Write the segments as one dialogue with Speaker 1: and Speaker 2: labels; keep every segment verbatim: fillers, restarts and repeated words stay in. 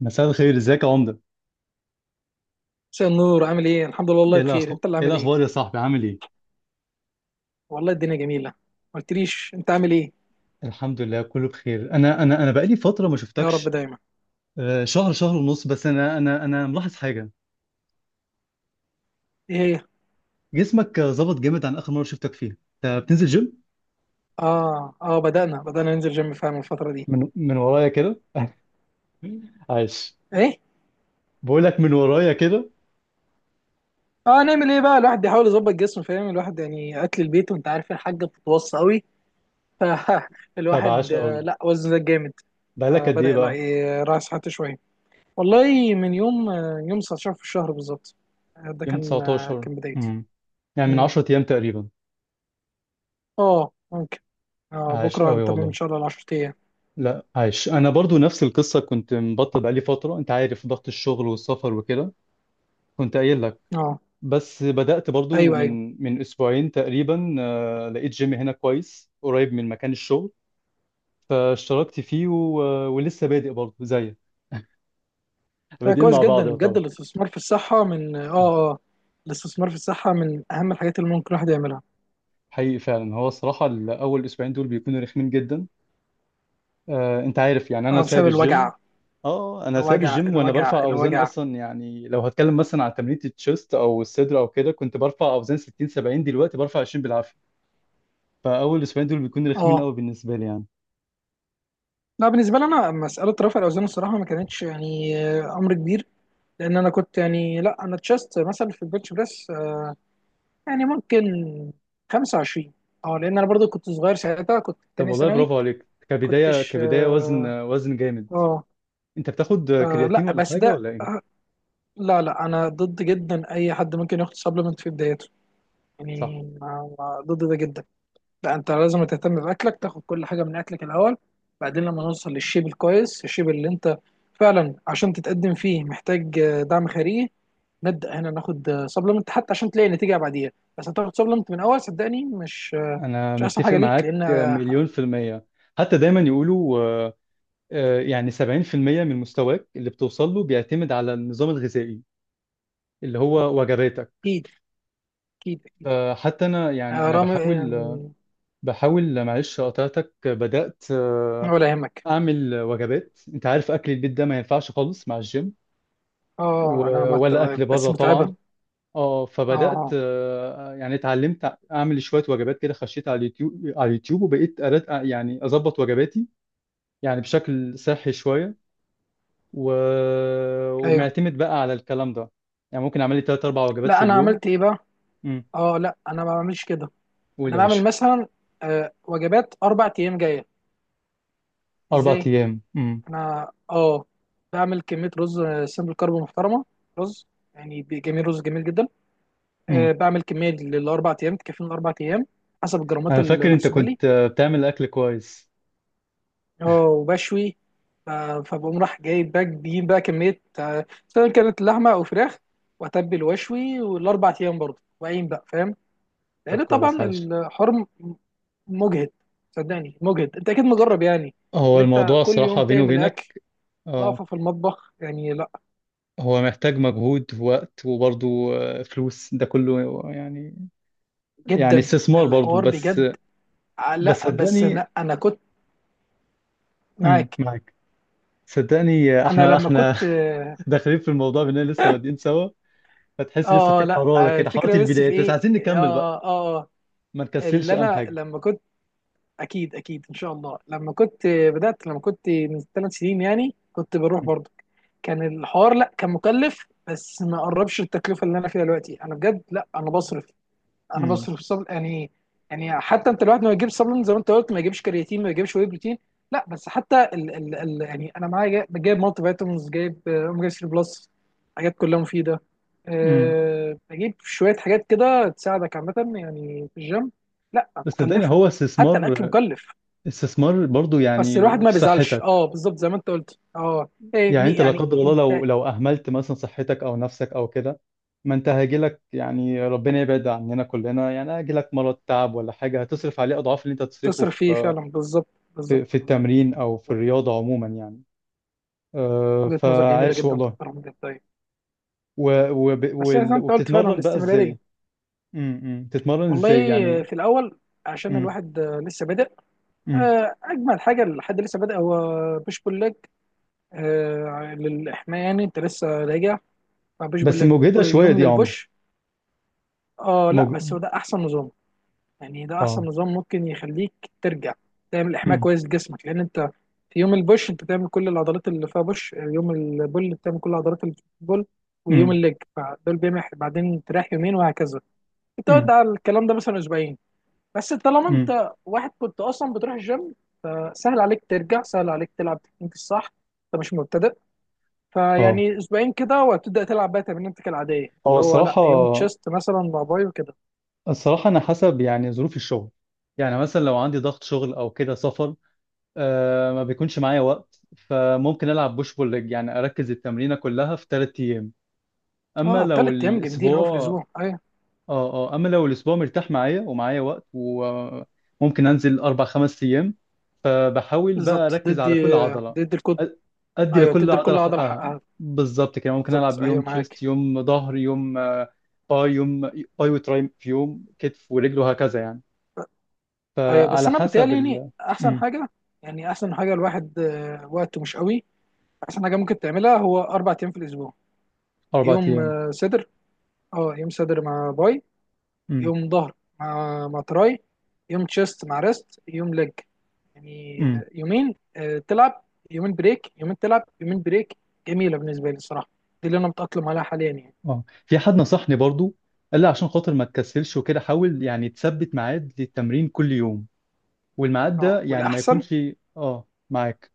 Speaker 1: مساء الخير، ازيك يا عمده؟
Speaker 2: مساء النور. عامل ايه؟ الحمد لله، والله
Speaker 1: ايه
Speaker 2: بخير.
Speaker 1: الأخ...
Speaker 2: انت اللي
Speaker 1: ايه
Speaker 2: عامل ايه؟
Speaker 1: الاخبار يا صاحبي؟ عامل ايه؟
Speaker 2: والله الدنيا جميله. ما قلتليش انت عامل ايه.
Speaker 1: الحمد لله، كله بخير. انا انا انا بقالي فتره ما
Speaker 2: يا رب
Speaker 1: شفتكش.
Speaker 2: دايما.
Speaker 1: آه، شهر شهر ونص بس. انا انا انا ملاحظ حاجه.
Speaker 2: ايه هي؟
Speaker 1: جسمك آه، ظبط جامد عن اخر مره شفتك فيها. انت بتنزل جيم؟
Speaker 2: اه اه بدأنا بدأنا ننزل جيم فعلا الفتره دي.
Speaker 1: من من ورايا كده؟ عايش.
Speaker 2: ايه؟
Speaker 1: بقول لك من ورايا كده.
Speaker 2: اه، نعمل ايه بقى؟ الواحد بيحاول يظبط جسمه، فاهم، الواحد يعني اكل البيت، وانت عارف الحاجه بتتوصى قوي.
Speaker 1: طب
Speaker 2: فالواحد
Speaker 1: عاش
Speaker 2: آه،
Speaker 1: قوي.
Speaker 2: لا وزنه زاد جامد.
Speaker 1: بقالك قد ايه
Speaker 2: فبدأ، لا
Speaker 1: بقى؟
Speaker 2: إيه، راعي صحته شويه. والله من يوم آه، يوم تسعتاشر في الشهر بالظبط. آه، ده
Speaker 1: يوم
Speaker 2: كان آه،
Speaker 1: تسعة عشر.
Speaker 2: كان بدايتي.
Speaker 1: امم يعني من
Speaker 2: مم.
Speaker 1: عشر ايام تقريبا.
Speaker 2: اه ممكن. آه،
Speaker 1: عاش
Speaker 2: بكره
Speaker 1: قوي
Speaker 2: هنتمم ان
Speaker 1: والله.
Speaker 2: شاء الله ال عشر ايام.
Speaker 1: لا عايش، انا برضو نفس القصه، كنت مبطل بقالي فتره، انت عارف ضغط الشغل والسفر وكده. كنت قايل لك.
Speaker 2: اه.
Speaker 1: بس بدأت برضو
Speaker 2: ايوه ايوه.
Speaker 1: من من أسبوعين تقريبا. آه، لقيت جيم هنا كويس قريب من مكان الشغل، فاشتركت فيه و... ولسه بادئ برضو زيك،
Speaker 2: لا
Speaker 1: بادئين
Speaker 2: كويس
Speaker 1: مع
Speaker 2: جدا
Speaker 1: بعض
Speaker 2: بجد،
Speaker 1: يعتبر.
Speaker 2: الاستثمار في الصحه من اه اه الاستثمار في الصحه من اهم الحاجات اللي ممكن الواحد يعملها.
Speaker 1: حقيقي فعلا، هو الصراحة الأول أسبوعين دول بيكونوا رخمين جدا. آه، أنت عارف يعني أنا
Speaker 2: اه بسبب
Speaker 1: سايب الجيم.
Speaker 2: الوجع
Speaker 1: أه أنا سايب
Speaker 2: الوجع
Speaker 1: الجيم وأنا
Speaker 2: الوجع
Speaker 1: برفع أوزان
Speaker 2: الوجع.
Speaker 1: أصلا. يعني لو هتكلم مثلا عن تمرينة التشيست أو الصدر أو كده، كنت برفع أوزان ستين سبعين، دلوقتي برفع عشرين بالعافية. فأول أسبوعين دول بيكونوا رخمين
Speaker 2: اه
Speaker 1: قوي بالنسبة لي يعني.
Speaker 2: لا، بالنسبه لي انا مساله رفع الاوزان الصراحه ما كانتش يعني آه، امر كبير. لان انا كنت يعني، لا انا تشست مثلا في البنش بريس آه، يعني ممكن خمسة وعشرين. اه لان انا برضو كنت صغير ساعتها، كنت
Speaker 1: طب
Speaker 2: تانية
Speaker 1: والله
Speaker 2: ثانوي.
Speaker 1: برافو عليك، كبداية
Speaker 2: كنتش
Speaker 1: كبداية وزن
Speaker 2: اه.
Speaker 1: وزن جامد.
Speaker 2: آه،
Speaker 1: انت بتاخد
Speaker 2: آه،
Speaker 1: كرياتين
Speaker 2: لا
Speaker 1: ولا
Speaker 2: بس
Speaker 1: حاجة
Speaker 2: ده
Speaker 1: ولا
Speaker 2: آه،
Speaker 1: ايه؟
Speaker 2: لا لا انا ضد جدا اي حد ممكن ياخد سبلمنت في بدايته.
Speaker 1: صح.
Speaker 2: يعني ما- ما- ضد ده جدا. لا انت لازم تهتم باكلك، تاخد كل حاجه من اكلك الاول. بعدين لما نوصل للشيب الكويس، الشيب اللي انت فعلا عشان تتقدم فيه محتاج آه، دعم خارجي، نبدا هنا ناخد سبلمنت حتى عشان تلاقي نتيجه بعديها. بس هتاخد سبلمنت من اول، صدقني مش آه،
Speaker 1: انا
Speaker 2: مش احسن
Speaker 1: متفق
Speaker 2: حاجه ليك.
Speaker 1: معاك
Speaker 2: لان آه،
Speaker 1: مليون في المية. حتى دايما يقولوا آه، آه، يعني سبعين في المية من مستواك اللي بتوصل له بيعتمد على النظام الغذائي، اللي هو وجباتك.
Speaker 2: اكيد. اكيد اكيد.
Speaker 1: آه، حتى انا يعني
Speaker 2: آه،
Speaker 1: انا
Speaker 2: رامي،
Speaker 1: بحاول.
Speaker 2: آه،
Speaker 1: بحاول، معلش قطعتك، بدأت آه،
Speaker 2: ولا يهمك.
Speaker 1: اعمل وجبات. انت عارف اكل البيت ده ما ينفعش خالص مع الجيم،
Speaker 2: اه انا
Speaker 1: و-
Speaker 2: مت...
Speaker 1: ولا اكل
Speaker 2: بس
Speaker 1: بره
Speaker 2: متعبه.
Speaker 1: طبعا. اه
Speaker 2: اه
Speaker 1: فبدات
Speaker 2: اه
Speaker 1: آه، يعني اتعلمت اعمل شويه وجبات كده، خشيت على اليوتيوب، على اليوتيوب وبقيت أرد آه، يعني اظبط وجباتي يعني بشكل صحي شويه. و...
Speaker 2: ايوه.
Speaker 1: ومعتمد بقى على الكلام ده. يعني ممكن اعمل لي ثلاث اربع وجبات
Speaker 2: لا
Speaker 1: في
Speaker 2: انا
Speaker 1: اليوم.
Speaker 2: عملت ايه بقى.
Speaker 1: امم.
Speaker 2: اه لا انا ما بعملش كده.
Speaker 1: قول
Speaker 2: انا
Speaker 1: يا
Speaker 2: بعمل
Speaker 1: باشا.
Speaker 2: مثلا آه، وجبات اربع ايام جايه.
Speaker 1: اربع
Speaker 2: ازاي؟
Speaker 1: ايام. امم.
Speaker 2: انا اه بعمل كميه رز آه، سمبل كارب محترمه. رز يعني بي- جميل، رز جميل جدا. أه
Speaker 1: امم.
Speaker 2: بعمل كميه للاربع ايام، تكفيني الاربع ايام حسب الجرامات
Speaker 1: انا فاكر انت
Speaker 2: المحسوبه لي.
Speaker 1: كنت آه، بتعمل اكل كويس.
Speaker 2: اه وبشوي. ف- فبقوم راح جايب بقى بجيب بقى كميه آه، سواء كانت لحمه او فراخ، واتبل واشوي والاربع ايام برضه، واقيم بقى، فاهم؟
Speaker 1: طب
Speaker 2: لان
Speaker 1: كويس
Speaker 2: طبعا
Speaker 1: عايش.
Speaker 2: الحرم مجهد، صدقني مجهد، انت اكيد مجرب يعني.
Speaker 1: هو
Speaker 2: اللي انت
Speaker 1: الموضوع
Speaker 2: كل يوم
Speaker 1: الصراحه بيني
Speaker 2: تعمل
Speaker 1: وبينك،
Speaker 2: اكل
Speaker 1: اه،
Speaker 2: واقفه في المطبخ، يعني لا.
Speaker 1: هو محتاج مجهود ووقت وبرضه آه، فلوس، ده كله يعني، يعني
Speaker 2: جدا.
Speaker 1: استثمار برضو
Speaker 2: الحوار
Speaker 1: بس.
Speaker 2: بجد آه،
Speaker 1: بس
Speaker 2: لا بس
Speaker 1: صدقني.
Speaker 2: انا انا كنت
Speaker 1: امم،
Speaker 2: معاك.
Speaker 1: معاك. صدقني،
Speaker 2: انا
Speaker 1: احنا
Speaker 2: لما
Speaker 1: احنا
Speaker 2: كنت اه
Speaker 1: داخلين في الموضوع باننا لسه بادئين سوا، فتحس لسه
Speaker 2: آه، آه،
Speaker 1: في
Speaker 2: لا
Speaker 1: حراره
Speaker 2: آه،
Speaker 1: كده، حراره
Speaker 2: الفكره بس في
Speaker 1: البدايات، بس
Speaker 2: ايه.
Speaker 1: عايزين نكمل بقى.
Speaker 2: اه اه آه،
Speaker 1: ما نكسلش
Speaker 2: اللي
Speaker 1: اهم
Speaker 2: انا
Speaker 1: حاجه.
Speaker 2: لما كنت، اكيد اكيد ان شاء الله. لما كنت آه، بدات، لما كنت من ثلاث سنين يعني، كنت بروح
Speaker 1: امم.
Speaker 2: برضه. كان الحوار لا كان مكلف بس ما قربش التكلفه اللي انا فيها دلوقتي. انا بجد لا انا بصرف. انا
Speaker 1: امم.
Speaker 2: بصرف صبل يعني. يعني حتى انت الواحد ما يجيبش سبلمنت زي ما انت قلت، ما يجيبش كرياتين، ما يجيبش واي بروتين. لا بس حتى ال ال ال يعني انا معايا جايب, جايب مالتي فيتامينز، جايب آه، اوميجا ثري بلس، حاجات كلها مفيده.
Speaker 1: أمم.
Speaker 2: أه بجيب شويه حاجات كده تساعدك عامه يعني في الجيم. لا
Speaker 1: بس صدقني
Speaker 2: مكلفه،
Speaker 1: هو
Speaker 2: حتى الاكل
Speaker 1: استثمار،
Speaker 2: مكلف.
Speaker 1: استثمار برضو
Speaker 2: بس
Speaker 1: يعني،
Speaker 2: الواحد ما
Speaker 1: في
Speaker 2: بيزعلش،
Speaker 1: صحتك.
Speaker 2: اه بالظبط زي ما انت قلت. اه إيه
Speaker 1: يعني
Speaker 2: مي-
Speaker 1: انت لا
Speaker 2: يعني
Speaker 1: قدر الله
Speaker 2: انت
Speaker 1: لو لو اهملت مثلا صحتك او نفسك او كده، ما انت هيجيلك، يعني ربنا يبعد عننا كلنا، يعني هيجيلك مرض، تعب، ولا حاجه، هتصرف عليه اضعاف اللي انت هتصرفه
Speaker 2: تصرف فيه
Speaker 1: في
Speaker 2: فعلا بالظبط. بالظبط
Speaker 1: في في
Speaker 2: بالظبط
Speaker 1: التمرين او في
Speaker 2: بالظبط.
Speaker 1: الرياضه عموما يعني. آه،
Speaker 2: وجهه نظر جميله
Speaker 1: فعاش
Speaker 2: جدا،
Speaker 1: والله.
Speaker 2: تحترم جدا. طيب،
Speaker 1: و... وب...
Speaker 2: بس زي ما
Speaker 1: وال...
Speaker 2: انت قلت فعلا
Speaker 1: وبتتمرن بقى ازاي؟
Speaker 2: الاستمراريه.
Speaker 1: امم. بتتمرن
Speaker 2: والله
Speaker 1: ازاي يعني؟
Speaker 2: في الاول، عشان
Speaker 1: امم.
Speaker 2: الواحد آه، لسه بادئ،
Speaker 1: امم.
Speaker 2: آه، اجمل حاجه لحد لسه بادئ هو بوش بول ليج. آه، للحمايه، يعني انت لسه راجع، فبوش بول
Speaker 1: بس
Speaker 2: ليج.
Speaker 1: مجهدة شوية
Speaker 2: يوم
Speaker 1: دي يا عمده.
Speaker 2: للبوش. اه لا
Speaker 1: مج...
Speaker 2: بس هو ده احسن نظام، يعني ده احسن
Speaker 1: اه.
Speaker 2: نظام ممكن يخليك ترجع، تعمل احماء
Speaker 1: امم.
Speaker 2: كويس لجسمك. لان انت في يوم البوش انت تعمل كل العضلات اللي فيها بوش، يوم البول بتعمل كل العضلات اللي في البول، ويوم
Speaker 1: امم.
Speaker 2: الليج، فدول بيعمل، بعدين تريح يومين وهكذا. بتقعد
Speaker 1: امم.
Speaker 2: على الكلام ده مثلا اسبوعين. بس طالما
Speaker 1: امم.
Speaker 2: انت واحد كنت اصلا بتروح الجيم، سهل عليك ترجع، سهل عليك تلعب تكنيك الصح، انت مش مبتدئ.
Speaker 1: اه.
Speaker 2: فيعني اسبوعين كده وهتبدا تلعب بقى تمرينتك العاديه
Speaker 1: هو
Speaker 2: اللي هو لا
Speaker 1: الصراحة،
Speaker 2: يوم تشيست مثلا مع باي وكده.
Speaker 1: الصراحة انا حسب يعني ظروف الشغل. يعني مثلا لو عندي ضغط شغل او كده سفر، آه، ما بيكونش معايا وقت، فممكن العب بوش بول ليج يعني، اركز التمرينة كلها في ثلاث ايام. اما
Speaker 2: اه
Speaker 1: لو
Speaker 2: تلات ايام جامدين قوي في
Speaker 1: الاسبوع...
Speaker 2: الاسبوع ايوه.
Speaker 1: اه، اه، اما لو الاسبوع مرتاح معايا ومعايا وقت وممكن انزل اربع خمس ايام، فبحاول بقى
Speaker 2: بالظبط،
Speaker 1: اركز على
Speaker 2: تدي
Speaker 1: كل عضله.
Speaker 2: تدي الكل.
Speaker 1: أ- ادي
Speaker 2: ايوه
Speaker 1: لكل
Speaker 2: تدي
Speaker 1: عضله
Speaker 2: لكل عضله
Speaker 1: حقها.
Speaker 2: حقها.
Speaker 1: بالظبط كده ممكن
Speaker 2: بالظبط
Speaker 1: العب
Speaker 2: ايوه،
Speaker 1: يوم
Speaker 2: معاك.
Speaker 1: تشيست، يوم ظهر، يوم آه، باي، يوم باي وتراي، في يوم كتف ورجل وهكذا يعني.
Speaker 2: ايوه بس
Speaker 1: فعلى
Speaker 2: انا
Speaker 1: حسب
Speaker 2: بتهيألي يعني
Speaker 1: ال...
Speaker 2: احسن
Speaker 1: امم.
Speaker 2: حاجه، يعني احسن حاجه الواحد آه، وقته مش قوي، احسن حاجه ممكن تعملها هو اربع ايام في الاسبوع.
Speaker 1: اربع
Speaker 2: يوم
Speaker 1: ايام.
Speaker 2: آه، صدر، اه يوم صدر مع باي،
Speaker 1: امم.
Speaker 2: يوم ظهر مع مع تراي، يوم تشيست مع ريست، يوم ليج. يعني آه،
Speaker 1: امم.
Speaker 2: يومين آه، تلعب يومين بريك، يومين تلعب يومين بريك. جميلة بالنسبة لي الصراحة، دي اللي أنا متأقلم عليها حاليا يعني.
Speaker 1: اه، في حد نصحني برضو، قال لي عشان خاطر ما تكسلش وكده حاول يعني تثبت ميعاد للتمرين كل يوم، والميعاد ده
Speaker 2: اه
Speaker 1: يعني ما
Speaker 2: والأحسن،
Speaker 1: يكونش... اه، معاك.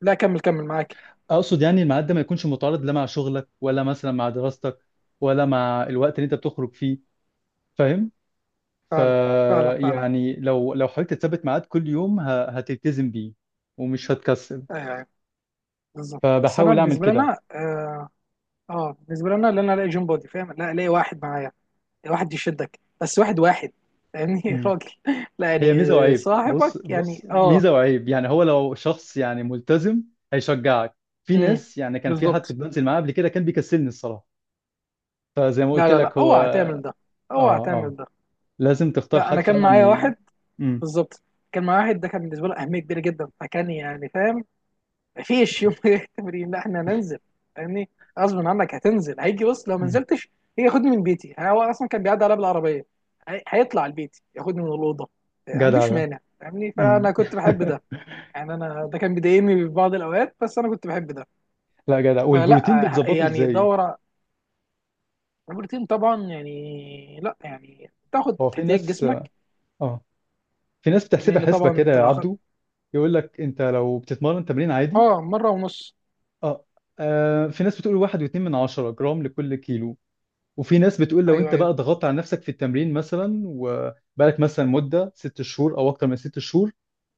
Speaker 2: لا كمل كمل معاك.
Speaker 1: اقصد يعني الميعاد ده ما يكونش متعارض، لا مع شغلك، ولا مثلا مع دراستك، ولا مع الوقت اللي انت بتخرج فيه. فاهم؟ ف...
Speaker 2: فعلا فعلا فعلا.
Speaker 1: يعني لو لو حاولت تثبت ميعاد كل يوم، ه- هتلتزم بيه ومش هتكسل،
Speaker 2: أيوه أيوه بالظبط. بس أنا
Speaker 1: فبحاول اعمل
Speaker 2: بالنسبة
Speaker 1: كده.
Speaker 2: لنا اه آه، بالنسبة لنا اللي أنا ألاقي جيم بودي، فاهم، لا ألاقي واحد معايا، واحد يشدك، بس واحد واحد يعني،
Speaker 1: مم.
Speaker 2: راجل. لا
Speaker 1: هي
Speaker 2: يعني
Speaker 1: ميزة وعيب،
Speaker 2: صاحبك
Speaker 1: بص
Speaker 2: يعني
Speaker 1: بص،
Speaker 2: اه.
Speaker 1: ميزة وعيب يعني. هو لو شخص يعني ملتزم، هيشجعك. في
Speaker 2: امم.
Speaker 1: ناس يعني، كان في حد كنت
Speaker 2: بالظبط.
Speaker 1: بنزل معاه قبل كده كان بيكسلني الصراحة، فزي ما
Speaker 2: لا
Speaker 1: قلت
Speaker 2: لا لا
Speaker 1: لك هو،
Speaker 2: اوعى تعمل ده،
Speaker 1: اه،
Speaker 2: اوعى
Speaker 1: آه.
Speaker 2: تعمل ده.
Speaker 1: لازم تختار
Speaker 2: لا انا
Speaker 1: حد
Speaker 2: كان
Speaker 1: فعلا
Speaker 2: معايا
Speaker 1: ي...
Speaker 2: واحد.
Speaker 1: مم.
Speaker 2: بالظبط، كان معايا واحد ده كان بالنسبه له اهميه كبيره جدا، فكان يعني فاهم، مفيش يوم تمرين لا احنا هننزل، فاهمني؟ غصب عنك هتنزل، هيجي بص لو ما
Speaker 1: مم.
Speaker 2: نزلتش هيجي ياخدني من بيتي. يعني هو اصلا كان بيعدي عليا بالعربيه، هي- هيطلع البيت ياخدني من الاوضه. ما
Speaker 1: جدع
Speaker 2: عنديش
Speaker 1: ده.
Speaker 2: مانع فاهمني،
Speaker 1: مم.
Speaker 2: فانا كنت بحب ده. يعني انا ده كان بيضايقني في بعض الاوقات بس انا كنت بحب ده.
Speaker 1: لا جدع. والبروتين
Speaker 2: فلا
Speaker 1: بتظبطه
Speaker 2: يعني
Speaker 1: ازاي؟
Speaker 2: دوره. البروتين طبعا يعني لا يعني تاخد
Speaker 1: هو في
Speaker 2: احتياج
Speaker 1: ناس،
Speaker 2: جسمك.
Speaker 1: اه، في ناس بتحسبها
Speaker 2: لان
Speaker 1: حسبة
Speaker 2: طبعا
Speaker 1: كده
Speaker 2: انت
Speaker 1: يا
Speaker 2: لو
Speaker 1: عبدو.
Speaker 2: أخدت-
Speaker 1: يقول لك انت لو بتتمرن تمرين عادي،
Speaker 2: اه مره ونص.
Speaker 1: اه، آه، في ناس بتقول واحد واتنين من عشرة جرام لكل كيلو، وفي ناس بتقول لو
Speaker 2: ايوه
Speaker 1: انت
Speaker 2: ايوه.
Speaker 1: بقى ضغطت على نفسك في التمرين مثلا، وبقالك مثلا مدة ست شهور او اكتر من ست شهور،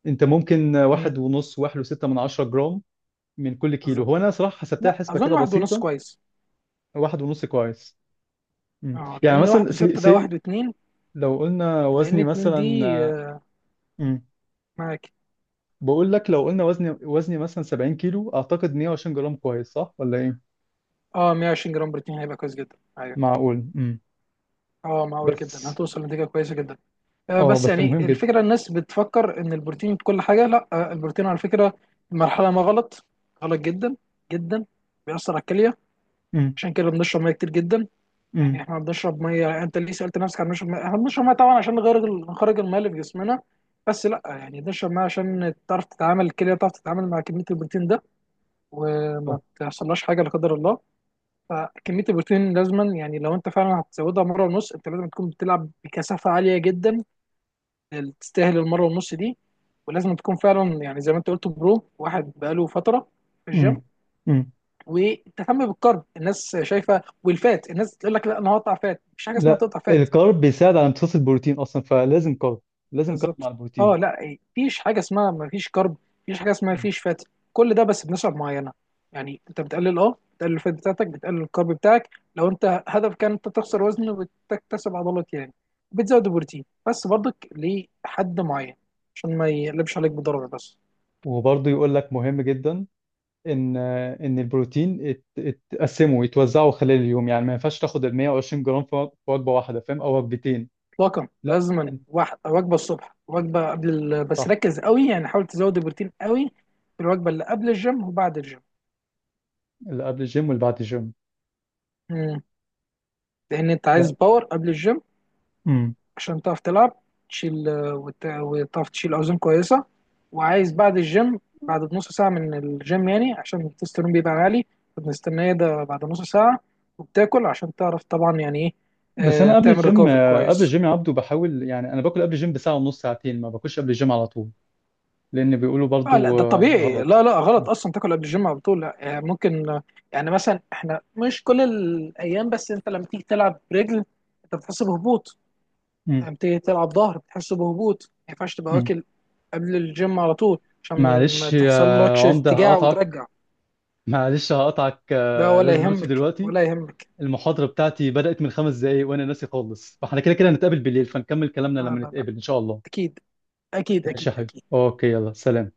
Speaker 1: انت ممكن
Speaker 2: مم،
Speaker 1: واحد ونص، واحد وستة من عشرة جرام من كل كيلو.
Speaker 2: بالظبط.
Speaker 1: هو انا صراحة حسبتها
Speaker 2: لا
Speaker 1: حسبة
Speaker 2: اظن
Speaker 1: كده
Speaker 2: واحد ونص
Speaker 1: بسيطة.
Speaker 2: كويس.
Speaker 1: واحد ونص كويس. مم.
Speaker 2: اه
Speaker 1: يعني
Speaker 2: لان
Speaker 1: مثلا
Speaker 2: واحد
Speaker 1: سي,
Speaker 2: وستة ده واحد
Speaker 1: سي
Speaker 2: واتنين،
Speaker 1: لو قلنا
Speaker 2: لان
Speaker 1: وزني
Speaker 2: اتنين دي
Speaker 1: مثلا آه،
Speaker 2: آه،
Speaker 1: مم.
Speaker 2: معاك.
Speaker 1: بقول لك لو قلنا وزني وزني مثلا سبعين كيلو، اعتقد مية وعشرين جرام كويس، صح ولا ايه؟
Speaker 2: اه مية وعشرين جرام بروتين هيبقى كويس جدا ايوه.
Speaker 1: معقول. مم.
Speaker 2: اه معقول جدا،
Speaker 1: بس.
Speaker 2: هتوصل لنتيجه كويسه جدا. آه
Speaker 1: اه
Speaker 2: بس
Speaker 1: بس
Speaker 2: يعني
Speaker 1: مهم جدا.
Speaker 2: الفكره الناس بتفكر ان البروتين كل حاجه. لا آه البروتين على فكره المرحله ما غلط، غلط جدا، جدا، بيأثر على الكليه.
Speaker 1: مم.
Speaker 2: عشان كده بنشرب ميه كتير جدا. يعني
Speaker 1: مم.
Speaker 2: احنا بنشرب ميه، انت ليه سالت نفسك عن نشرب ميه؟ احنا بنشرب ميه طبعا عشان نغير، نخرج الميه اللي في جسمنا، بس لا يعني بنشرب ميه عشان تعرف تتعامل الكليه، تعرف تتعامل مع كميه البروتين ده
Speaker 1: صح.
Speaker 2: وما تحصلهاش حاجه لا قدر الله. فكميه البروتين لازما، يعني لو انت فعلا هتزودها مره ونص انت لازم تكون بتلعب بكثافه عاليه جدا تستاهل المره ونص دي، ولازم تكون فعلا يعني زي ما انت قلت برو، واحد بقاله فتره في الجيم.
Speaker 1: مم. مم.
Speaker 2: وتهتم بالكارب، الناس شايفه والفات الناس تقول لك لا انا هقطع فات، مفيش حاجه اسمها
Speaker 1: لا،
Speaker 2: تقطع فات.
Speaker 1: الكارب بيساعد على امتصاص البروتين اصلا، فلازم كارب، لازم كارب مع
Speaker 2: بالظبط.
Speaker 1: البروتين.
Speaker 2: اه لا مفيش حاجه اسمها مفيش كرب، مفيش حاجه اسمها
Speaker 1: مم.
Speaker 2: مفيش فات. كل ده بس بنسب معينه. يعني انت بتقلل، اه بتقلل الفات بتاعتك، بتقلل الكرب بتاعك لو انت هدفك كان انت تخسر وزن وتكتسب عضلات يعني، بتزود البروتين بس برضك لحد معين عشان ما يقلبش عليك بضرر بس.
Speaker 1: وبرضه يقول لك مهم جدا ان ان البروتين ات- اتقسموا يتوزعوا خلال اليوم، يعني ما ينفعش تاخد ال مية وعشرين جرام في في وجبه واحده فاهم، او وجبتين.
Speaker 2: اطلاقا
Speaker 1: لا
Speaker 2: لازما،
Speaker 1: انت.
Speaker 2: واحد وجبه الصبح، وجبه قبل ال... بس
Speaker 1: صح.
Speaker 2: ركز قوي، يعني حاول تزود البروتين قوي في الوجبه اللي قبل الجيم وبعد الجيم.
Speaker 1: اللي قبل الجيم واللي بعد الجيم.
Speaker 2: مم. لان انت عايز
Speaker 1: لا.
Speaker 2: باور قبل الجيم
Speaker 1: امم.
Speaker 2: عشان تعرف تلعب، تشيل آه، وت- وتعرف تشيل اوزان كويسه. وعايز بعد الجيم، بعد نص ساعه من الجيم يعني، عشان التستيرون بيبقى عالي فبنستناه ده بعد نص ساعه. وبتاكل عشان تعرف طبعا يعني ايه
Speaker 1: بس
Speaker 2: آه،
Speaker 1: انا قبل
Speaker 2: تعمل
Speaker 1: الجيم،
Speaker 2: ريكفري
Speaker 1: قبل
Speaker 2: كويس.
Speaker 1: الجيم يا عبدو بحاول يعني، انا باكل قبل الجيم بساعه ونص ساعتين، ما باكلش قبل الجيم على طول، لان بيقولوا
Speaker 2: آه لا
Speaker 1: برضو
Speaker 2: ده
Speaker 1: آه،
Speaker 2: طبيعي،
Speaker 1: غلط.
Speaker 2: لا لا غلط اصلا تاكل قبل الجيم على طول. لا آه، ممكن آه، يعني مثلا احنا مش كل الايام، بس انت لما تيجي تلعب رجل انت بتحس بهبوط،
Speaker 1: امم.
Speaker 2: لما بتيجي تلعب ظهر بتحس بهبوط، ما ينفعش تبقى
Speaker 1: امم.
Speaker 2: واكل قبل الجيم على طول عشان ما
Speaker 1: معلش يا
Speaker 2: تحصل لكش
Speaker 1: عمده
Speaker 2: ارتجاع
Speaker 1: هقطعك،
Speaker 2: وترجع.
Speaker 1: معلش هقطعك،
Speaker 2: ده
Speaker 1: آه،
Speaker 2: ولا
Speaker 1: لازم امشي
Speaker 2: يهمك،
Speaker 1: دلوقتي.
Speaker 2: ولا يهمك.
Speaker 1: المحاضرة بتاعتي بدأت من خمس دقايق وأنا ناسي خالص، فاحنا كده كده هنتقابل بالليل، فنكمل كلامنا
Speaker 2: لا
Speaker 1: لما
Speaker 2: لا لا.
Speaker 1: نتقابل إن شاء الله.
Speaker 2: اكيد اكيد
Speaker 1: ماشي يا
Speaker 2: اكيد
Speaker 1: حبيبي،
Speaker 2: اكيد.
Speaker 1: أوكي، يلا سلام.